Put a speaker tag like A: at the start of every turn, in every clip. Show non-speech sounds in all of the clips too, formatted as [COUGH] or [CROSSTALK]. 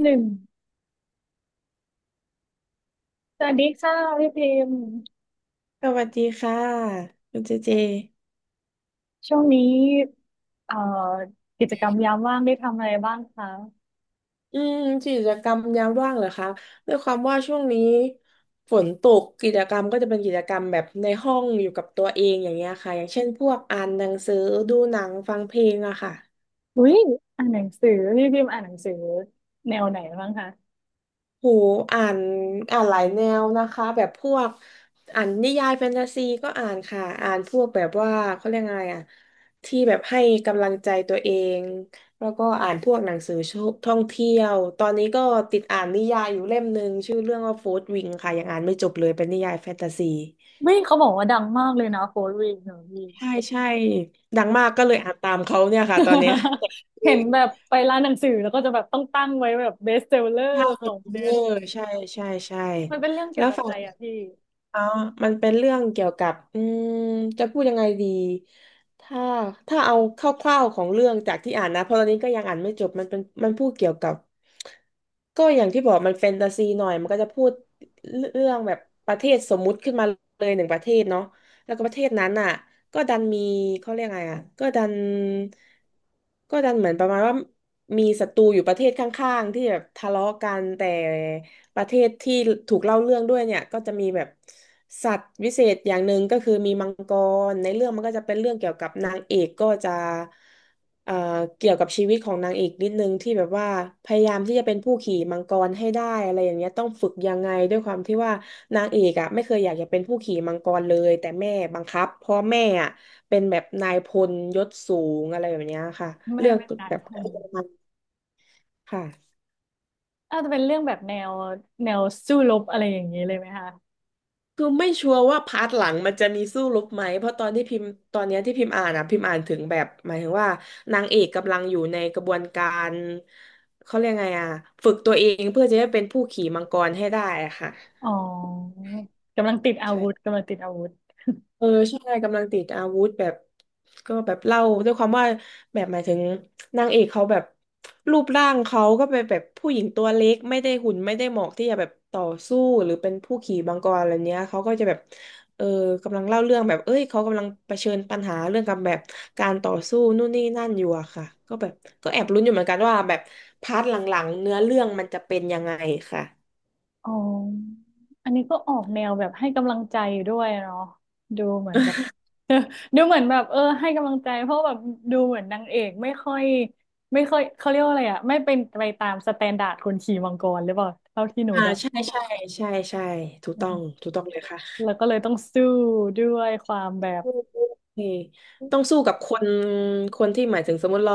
A: หนึ่งสวัสดีค่ะพี่พิมพ์
B: สวัสดีค่ะคุณเจเจ
A: ช่วงนี้เอ่อกิจกรรมยามว่างได้ทำอะไรบ้างคะ
B: อืมกิจกรรมยามว่างเหรอคะด้วยความว่าช่วงนี้ฝนตกกิจกรรมก็จะเป็นกิจกรรมแบบในห้องอยู่กับตัวเองอย่างเงี้ยค่ะอย่างเช่นพวกอ่านหนังสือดูหนังฟังเพลงอะค่ะ
A: อุ้ยอ่านหนังสือพี่พิมพ์อ่านหนังสือแนวไหนบ้างคะ
B: โหอ่านอ่านหลายแนวนะคะแบบพวกอ่านนิยายแฟนตาซีก็อ่านค่ะอ่านพวกแบบว่าเขาเรียกไงอ่ะที่แบบให้กำลังใจตัวเองแล้วก็อ่านพวกหนังสือท่องเที่ยวตอนนี้ก็ติดอ่านนิยายอยู่เล่มหนึ่งชื่อเรื่องว่าโฟร์วิงค่ะยังอ่านไม่จบเลยเป็นนิยายแฟนตาซี
A: ไม่เขาบอกว่าดังมากเลยนะโค้ดวีคหนูพี่
B: ใช่ใช่ดังมากก็เลยอ่านตามเขาเนี่ยค่ะตอนเนี้ย
A: [LAUGHS] เห็นแบบ
B: [LAUGHS]
A: ไปร้านหนังสือแล้วก็จะแบบต้องตั้งไว้แบบเบสเซลเลอ
B: ใช่
A: ร์ของเดื
B: เอ
A: อ
B: อ
A: น
B: ใช่ใช่ใช่
A: มันเป็นเรื่องเกี่
B: แล้
A: ยว
B: ว
A: กับ
B: ฝั่
A: อะ
B: ง
A: ไรอะพี่
B: อ๋อมันเป็นเรื่องเกี่ยวกับจะพูดยังไงดี ถ้าถ้าเอาคร่าวๆของเรื่องจากที่อ่านนะเพราะตอนนี้ก็ยังอ่านไม่จบมันเป็นมันพูดเกี่ยวกับ ก็อย่างที่บอกมันแฟนตาซีหน่อยมันก็จะพูดเรื่องแบบประเทศสมมุติขึ้นมาเลยหนึ่งประเทศเนาะแล้วก็ประเทศนั้นอ่ะก็ดันมีเขาเรียกไงอ่ะก็ดันเหมือนประมาณว่ามีศัตรูอยู่ประเทศข้างๆที่แบบทะเลาะกันแต่ ประเทศที่ถูกเล่าเรื่องด้วยเนี่ยก็จะมีแบบสัตว์วิเศษอย่างหนึ่งก็คือมีมังกรในเรื่องมันก็จะเป็นเรื่องเกี่ยวกับนางเอกก็จะเอ่อเกี่ยวกับชีวิตของนางเอกนิดนึงที่แบบว่าพยายามที่จะเป็นผู้ขี่มังกรให้ได้อะไรอย่างเงี้ยต้องฝึกยังไงด้วยความที่ว่านางเอกอ่ะไม่เคยอยากจะเป็นผู้ขี่มังกรเลยแต่แม่บังคับเพราะแม่อ่ะเป็นแบบนายพลยศสูงอะไรแบบเนี้ยค่ะ
A: แม่
B: เรื่อง
A: แม่นา
B: แบ
A: ย
B: บ
A: พ
B: [LAUGHS]
A: ล
B: ประมาณค่ะ
A: อาจจะเป็นเรื่องแบบแนวแนวสู้รบอะไรอย่างนี้เลยไหมคะ
B: คือไม่ชัวร์ว่าพาร์ทหลังมันจะมีสู้รบไหมเพราะตอนที่พิมพ์ตอนเนี้ยที่พิมพ์อ่านอะพิมพ์อ่านถึงแบบหมายถึงว่านางเอกกำลังอยู่ในกระบวนการเขาเรียกไงอะฝึกตัวเองเพื่อจะได้เป็นผู้ขี่มังกรให้ได้อะค่ะ
A: อ๋อกำลังติดอาวุธ
B: ใช่
A: กำลังติดอาวุธ
B: เออใช่กำลังติดอาวุธแบบก็แบบเล่าด้วยความว่าแบบหมายถึงนางเอกเขาแบบรูปร่างเขาก็เป็นแบบผู้หญิงตัวเล็กไม่ได้หุ่นไม่ได้เหมาะที่จะแบบต่อสู้หรือเป็นผู้ขี่มังกรอะไรเนี้ยเขาก็จะแบบเออกำลังเล่าเรื่องแบบเอ้ยเขากำลังเผชิญปัญหาเรื่องกับแบบการต่อสู้นู่นนี่นั่นอยู่อะค่ะก็แบบก็แอบลุ้นอยู่เหมือนกันว่าแบบพาร์ทหลังๆเนื้อเรื่องมันจะเป็นยังไงค่ะ
A: อ๋ออันนี้ก็ออกแนวแบบให้กำลังใจด้วยเนาะดูเหมือนแบบ [LAUGHS] ดูเหมือนแบบเออให้กำลังใจเพราะแบบดูเหมือนนางเอกไม่ค่อยไม่ค่อยเขาเรียกว่าอะไรอะไม่เป็นไปตามสแตนดาร์ดคนขี่มังกรหรือเปล่าเท่าที่หนู
B: อ่า
A: เดา
B: ใช่ใช่ใช่ใช่ถูก
A: อื
B: ต้อง
A: ม
B: ถูกต้องเลยค่ะ
A: แล้วก็เลยต้องสู้ด้วยความแบบ
B: เออต้องสู้กับคนที่หมายถึงสมมติเรา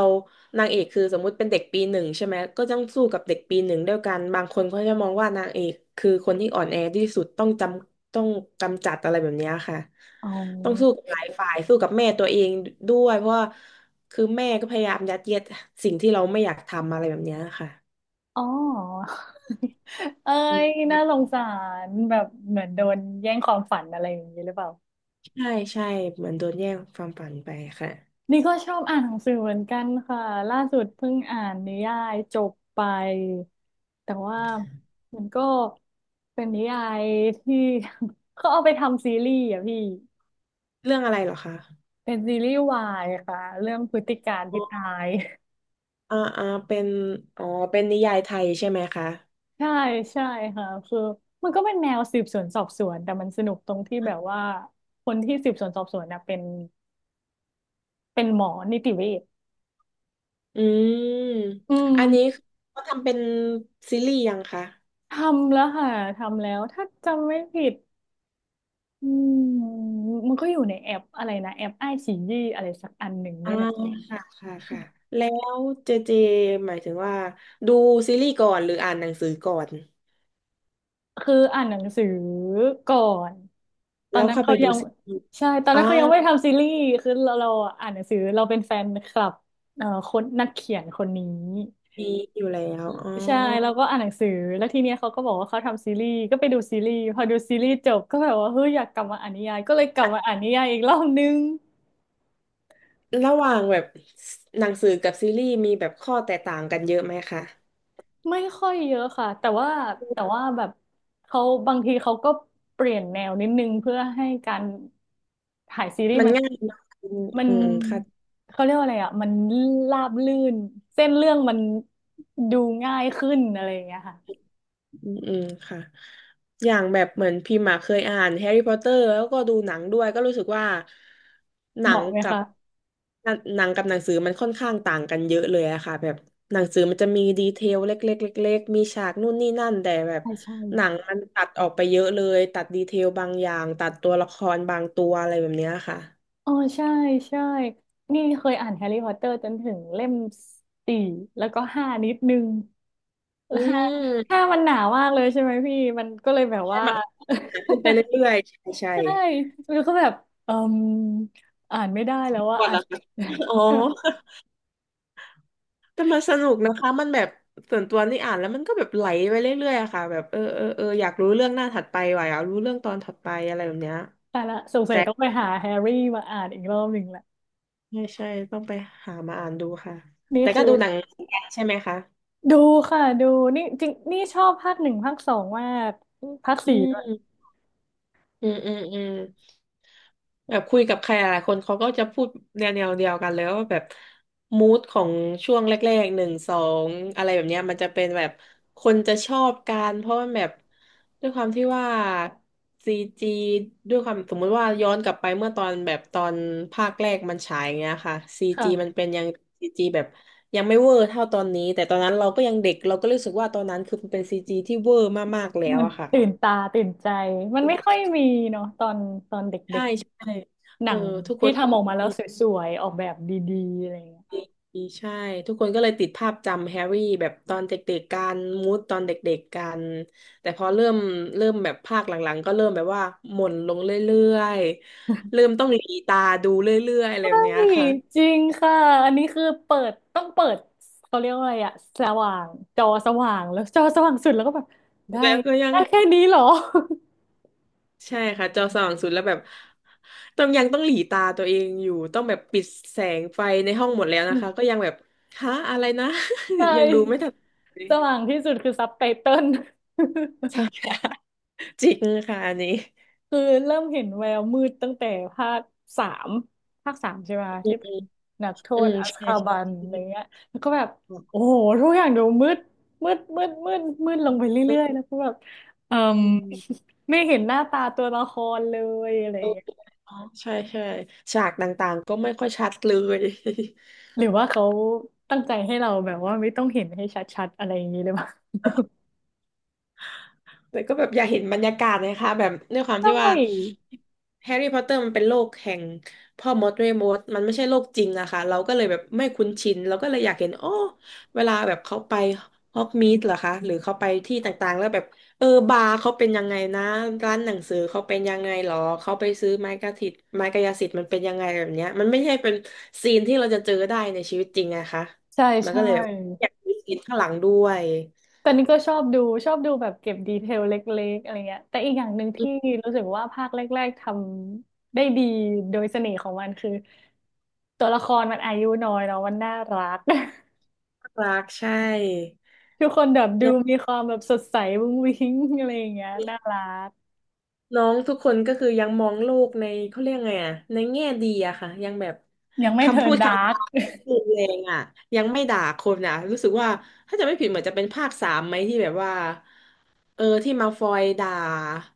B: นางเอกคือสมมติเป็นเด็กปีหนึ่งใช่ไหมก็ต้องสู้กับเด็กปีหนึ่งด้วยกันบางคนเขาจะมองว่านางเอกคือคนที่อ่อนแอที่สุดต้องจำต้องกำจัดอะไรแบบเนี้ยค่ะ
A: อ๋อ
B: ต้องสู้กับหลายฝ่ายสู้กับแม่ตัวเองด้วยเพราะว่าคือแม่ก็พยายามยัดเยียดสิ่งที่เราไม่อยากทำอะไรแบบเนี้ยค่ะ
A: อ๋อ [LAUGHS] เอ้
B: อื
A: ย
B: ม
A: น่าสงสารแบบเหมือนโดนแย่งความฝันอะไรอย่างนี้หรือเปล่า
B: ใช่ใช่เหมือนโดนแย่งความฝันไปค่ะ
A: นี่ก็ชอบอ่านหนังสือเหมือนกันค่ะล่าสุดเพิ่งอ่านนิยายจบไปแต่ว่ามันก็เป็นนิยายที่ [LAUGHS] เขาเอาไปทำซีรีส์อ่ะพี่
B: เรื่องอะไรเหรอคะ
A: เป็นซีรีส์วายค่ะเรื่องพฤติการ
B: อ๋
A: ที่ตา
B: อ
A: ย
B: อ่าอ่าเป็นอ๋อเป็นนิยายไทยใช่ไหมคะ
A: [LAUGHS] ใช่ใช่ค่ะคือมันก็เป็นแนวสืบสวนสอบสวนแต่มันสนุกตรงที่แบบว่าคนที่สืบสวนสอบสวนนะเป็นเป็นหมอนิติเวช
B: อืม
A: อืม
B: อันนี้เขาทำเป็นซีรีส์ยังคะ
A: ทำแล้วค่ะทำแล้วถ้าจำไม่ผิด อืมมันก็อยู่ในแอปอะไรนะแอปไอซียี่อะไรสักอันหนึ่ง
B: อ่า
A: นี่แหละ
B: ค่ะค่ะค่ะ แล้วเจเจหมายถึงว่าดูซีรีส์ก่อนหรืออ่านหนังสือก่อน
A: คืออ่านหนังสือก่อนตอ
B: แล้
A: น
B: ว
A: นั้น
B: ค่อยไป
A: เขา
B: ดู
A: ยัง
B: ซีรีส์
A: ใช่ตอน
B: อ่อ
A: นั้นเขายังไม่ทำซีรีส์คือเราเราอ่านหนังสือเราเป็นแฟนคลับคนนักเขียนคนนี้
B: มีอยู่แล้วอ๋อ
A: ใช่แล้วก็อ่านหนังสือแล้วทีเนี้ยเขาก็บอกว่าเขาทำซีรีส์ก็ไปดูซีรีส์พอดูซีรีส์จบก็แบบว่าเฮ้ยอยากกลับมาอ่านนิยายก็เลยกลับ
B: อ่ะ
A: มาอ่านนิยายอีกรอบนึง
B: ระหว่างแบบหนังสือกับซีรีส์มีแบบข้อแตกต่างกันเยอะไหมคะ
A: ไม่ค่อยเยอะค่ะแต่ว่าแต่ว่าแบบเขาบางทีเขาก็เปลี่ยนแนวนิดนึงเพื่อให้การถ่ายซีรีส์
B: มัน
A: มัน
B: ง่ายเนอะอืม
A: มัน
B: อืมค่ะ
A: เขาเรียกว่าอะไรอ่ะมันราบลื่นเส้นเรื่องมันดูง่ายขึ้นอะไรอย่างเงี้ยค่ะ
B: อืมอืมค่ะอย่างแบบเหมือนพิมพ์อะเคยอ่านแฮร์รี่พอตเตอร์แล้วก็ดูหนังด้วยก็รู้สึกว่าห
A: เห
B: นัง
A: มาะไหม
B: กับ
A: คะ
B: หนังสือมันค่อนข้างต่างกันเยอะเลยอะค่ะแบบหนังสือมันจะมีดีเทลเล็กๆเล็กๆมีฉากนู่นนี่นั่นแต่แบบ
A: ใช่ใช่
B: หนังมันตัดออกไปเยอะเลยตัดดีเทลบางอย่างตัดตัวละครบางตัวอะไรแบบเนี้ยค่ะ
A: อ๋อใช่ใช่นี่เคยอ่านแฮร์รี่พอตเตอร์จนถึงเล่มสี่แล้วก็ห้านิดนึง
B: อืม
A: ห้ามันหนามากเลยใช่ไหมพี่มันก็เลยแบบ
B: ใช่
A: ว่า
B: มันหนาขึ้น
A: [LAUGHS]
B: ไปเรื่อยๆใช่ใช่
A: ใช่แล้วก็แบบเอ่มอ่านไม่ได้แล้วว่า
B: ก่อน
A: อ่าน
B: ละค่ะ [LAUGHS] อ๋อ แต่มันสนุกนะคะมันแบบส่วนตัวนี่อ่านแล้วมันก็แบบไหลไปเรื่อยๆอะค่ะแบบเออเออเอออยากรู้เรื่องหน้าถัดไปว่ะอยากรู้เรื่องตอนถัดไปอะไรแบบเนี้ย
A: [LAUGHS] แต่ละสงสัย
B: แต่
A: ต้องไปหาแฮร์รี่มาอ่านอีกรอบหนึ่งแหละ
B: ใช่ใช่ต้องไปหามาอ่านดูค่ะ
A: นี่
B: แต่ก็
A: คือ
B: ดูหนังเหมือนกันใช่ไหมคะ
A: ดูค่ะดูนี่จริงนี่ชอบภาคหนึ่งภาคสองมากภาค
B: อื
A: สี่ด้วย
B: ม อืมอืมอืมแบบคุยกับใครหลายคนเขาก็จะพูดแนวเดียวกันแล้วว่าแบบมูดของช่วงแรกๆหนึ่งสองอะไรแบบเนี้ยมันจะเป็นแบบคนจะชอบกันเพราะมันแบบด้วยความที่ว่าซีจีด้วยความสมมุติว่าย้อนกลับไปเมื่อตอนแบบตอนภาคแรกมันฉายอย่างเงี้ยค่ะซีจีมัน
A: ค่ะ
B: เป็นยังซีจีแบบยังไม่เวอร์เท่าตอนนี้แต่ตอนนั้นเราก็ยังเด็กเราก็รู้สึกว่าตอนนั้นคือมันเป็นซีจีที่เวอร์มากๆแล้ว
A: มัน
B: อะค่ะ
A: ตื่นตาตื่นใจมันไม่ค่อยมีเนาะตอนตอนเด็
B: ใช่
A: ก
B: ใช่
A: ๆหนั
B: เออ
A: ง
B: ทุกค
A: ที่
B: น
A: ทำออกมาแล้
B: อื
A: ว
B: ม
A: สวยๆออกแบบดีๆอะไรอย่างเงี้ย
B: ใช่ทุกคนก็เลยติดภาพจำแฮร์รี่แบบตอนเด็กๆกันมูดตอนเด็กๆกันแต่พอเริ่มแบบภาคหลังๆก็เริ่มแบบว่าหม่นลงเรื่อยๆเริ่มต้องหลีตาดูเรื่อยๆอะไร
A: ใช่
B: แบบเนี้ยค่ะ
A: จริงค่ะอันนี้คือเปิดต้องเปิดเขาเรียกว่าอะไรอะสว่างจอสว่างแล้วจอสว่างสุดแล้วก็แบบได้
B: แล้วก็ยัง
A: ได้แค่นี้เหรอ
B: ใช่ค่ะจอสว่างสุดแล้วแบบต้องยังต้องหลีตาตัวเองอยู่ต้องแบบปิดแสงไฟในห้องหมดแล้วนะคะก็ยังแบบฮะอะไรนะ
A: [LAUGHS] ใช่
B: [LAUGHS] ยังดูไม่ทัน
A: สว่างที่สุดคือซับไตเติล
B: ใช่ [LAUGHS] ค่ะจริงค่ะอันนี้
A: คือเริ่มเห็นแววมืดตั้งแต่ภาคสามภาคสามใช่ไหม
B: อื
A: ที่
B: ม
A: เป็นนักโท
B: อื
A: ษ
B: ม
A: อัส
B: ใช่
A: คา
B: ใช
A: บั
B: ่
A: นอะไรเงี้ยแล้วก็แบบ
B: ใช่
A: โอ้โหทุกอย่างดูมืดมืดมืดมืดมืดลงไปเรื่อยๆแล้วก็แบบเอ่ม
B: อืม
A: [LAUGHS] ไม่เห็นหน้าตาตัวละครเลยอะไร
B: โอเค
A: เงี้ย
B: เนอะใช่ใช่ฉากต่างๆก็ไม่ค่อยชัดเลย
A: หรือว่าเขาตั้งใจให้เราแบบว่าไม่ต้องเห็นให้ชัดๆอะไรอย่างนี้หรือเปล่า [LAUGHS]
B: แต่ก็แบบอยากเห็นบรรยากาศนะคะแบบด้วยความ
A: ใช
B: ที่ว่า
A: ่
B: แฮร์รี่พอตเตอร์มันเป็นโลกแห่งพ่อมดแม่มดมันไม่ใช่โลกจริงนะคะเราก็เลยแบบไม่คุ้นชินเราก็เลยอยากเห็นโอ้เวลาแบบเขาไปฮอกมีดเหรอคะหรือเขาไปที่ต่างๆแล้วแบบเออบาร์เขาเป็นยังไงนะร้านหนังสือเขาเป็นยังไงหรอเขาไปซื้อไม้กระถิตไม้กายสิทธิ์มันเป็นยังไงแบบเนี้ยมันไม่ใช่เป็นซีนที่เราจะเจอได้ในชีวิตจริงนะคะ
A: ใช่
B: มันก็
A: ใช่
B: เลยแบบอยากมีซีนข้างหลังด้วย
A: แต่นี่ก็ชอบดูชอบดูแบบเก็บดีเทลเล็กๆอะไรเงี้ยแต่อีกอย่างหนึ่งที่รู้สึกว่าภาคแรกๆทำได้ดีโดยเสน่ห์ของมันคือตัวละครมันอายุน้อยเนาะมันน่ารัก [LAUGHS]
B: น่ารักใช่
A: ทุกคนแบบดูมีความแบบสดใสวุ้งวิ้งอะไรอย่างเงี้ยน่ารัก
B: น้องทุกคนก็คือยังมองโลกในเขาเรียกไงอะในแง่ดีอะค่ะยังแบบ
A: ยังไม่เทิ
B: คำ
A: ร์
B: พู
A: น
B: ด
A: ดา
B: คำ
A: ร์ก
B: จายังรุนแรงอะยังไม่ด่าคนอะรู้สึกว่าถ้าจะไม่ผิดเหมือนจะเป็นภาคสามไหมที่แบบว่าเออที่มาฟอยด่า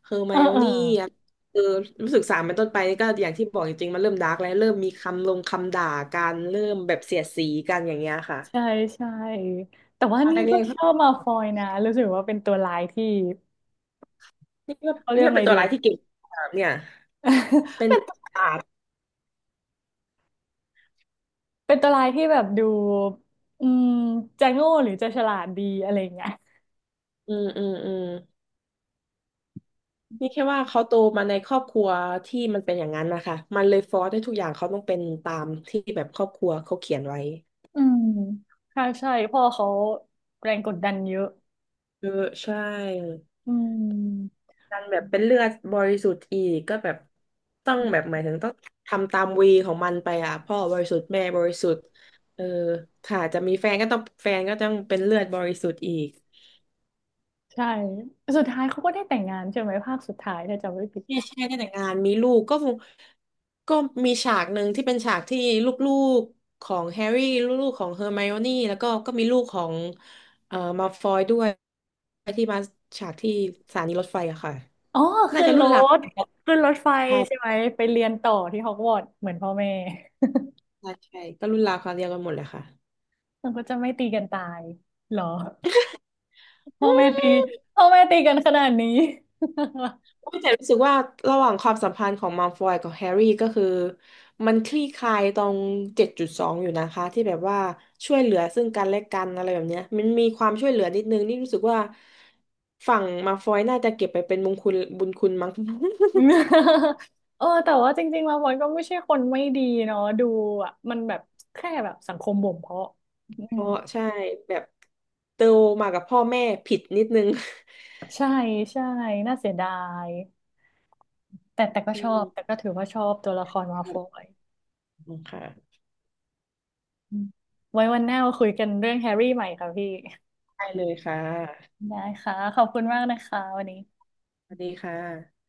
B: เฮอร์
A: [LAUGHS]
B: ไม
A: เออ
B: โอ
A: เออ
B: นี่อะเออรู้สึกสามเป็นต้นไปนี่ก็อย่างที่บอกจริงๆมันเริ่มดาร์กแล้วเริ่มมีคำลงคำด่ากันเริ่มแบบเสียดสีกันอย่างเงี้ยค่ะ
A: ใช่ใช่แต่ว่า
B: ตอน
A: นี่ก็
B: แร
A: ชอ
B: ก
A: บมาฟอยนะรู้สึกว่าเป็นตัวร้ายที่
B: ๆ [LAUGHS] นี่ก็
A: เขาเรียกอะไร
B: เป็นตั
A: ดี
B: วร้ายที่เก่งมากเนี่ย
A: [LAUGHS]
B: เป็น
A: เป็น
B: [LAUGHS] ศาสตร์
A: เป็นตัวร้ายที่แบบดูอืมจะโง่หรือจะฉลาดดีอะไรอย่างเงี้ย
B: อืมอืมอืม นี่แค่ว่าเขาโตมาในครอบครัวที่มันเป็นอย่างนั้นนะคะมันเลยฟอร์สให้ทุกอย่างเขาต้องเป็นตามที่แบบครอบครัวเขาเขียนไว้
A: อืมใช่ใช่พ่อเขาแรงกดดันเยอะ
B: เออใช่
A: อืม
B: ดันแบบเป็นเลือดบริสุทธิ์อีกก็แบบต้องแบบหมายถึงต้องทำตามวีของมันไปอ่ะพ่อบริสุทธิ์แม่บริสุทธิ์เออค่ะจะมีแฟนก็ต้องเป็นเลือดบริสุทธิ์อีก
A: ใช่สุดท้ายเขาก็ได้แต่งงานใช่ไหมภาคสุดท้ายถ้าจำไม่ผิด
B: ใช่ใช่ได้แต่งงานมีลูกก็คงก็มีฉากหนึ่งที่เป็นฉากที่ลูกๆของแฮร์รี่ลูกๆของเฮอร์ไมโอนี่แล้วก็ก็มีลูกของมัลฟอยด้วยที่มาฉากที่สถานีรถไฟอะค่ะ
A: อ๋อ
B: น่า
A: ขึ้น
B: จะ
A: ร
B: รุ่นรา
A: ถ
B: ว
A: ขึ้นรถไฟใช่
B: ใช่
A: ไหมไปเรียนต่อที่ฮอกวอตส์เหมือนพ่อแม่
B: ใช่ใช่ก็รุ่นราวคราวเดียวกันหมดเลยค่ะ
A: มันก็จะไม่ตีกันตายเหรอพ่อแม่ตีพ่อแม่ตีกันขนาดนี้
B: แต่รู้สึกว่าระหว่างความสัมพันธ์ของมัลฟอยกับแฮร์รี่ก็คือมันคลี่คลายตรง7.2อยู่นะคะที่แบบว่าช่วยเหลือซึ่งกันและกันอะไรแบบเนี้ยมันมีความช่วยเหลือนิดนึงนี่รู้สึกว่าฝั่งมัลฟอยน่าจะเก็บไปเป็นบุญคุณบุญคุณมั้ง [LAUGHS]
A: [LAUGHS] อืม [LAUGHS] เออแต่ว่าจริงๆแล้วมนก็ไม่ใช่คนไม่ดีเนาะดูอ่ะมันแบบแค่แบบสังคมบ่มเพาะอื
B: เพ
A: ม
B: ราะใช่แบบโตมากับพ่อแม่ผิดนิดนึง [LAUGHS]
A: ใช่ใช่น่าเสียดายแต่แต่ก็
B: อื
A: ชอ
B: ม
A: บแต่ก็ถือว่าชอบตัวละครมา
B: ครั
A: ฟ
B: บ
A: อย
B: ขอบคุณค่ะ
A: อืมไว้วันหน้ามาคุยกันเรื่องแฮร์รี่ใหม่ค่ะพี่
B: ได้เลยค่ะ
A: ได้ค่ะขอบคุณมากนะคะวันนี้
B: สวัสดีค่ะ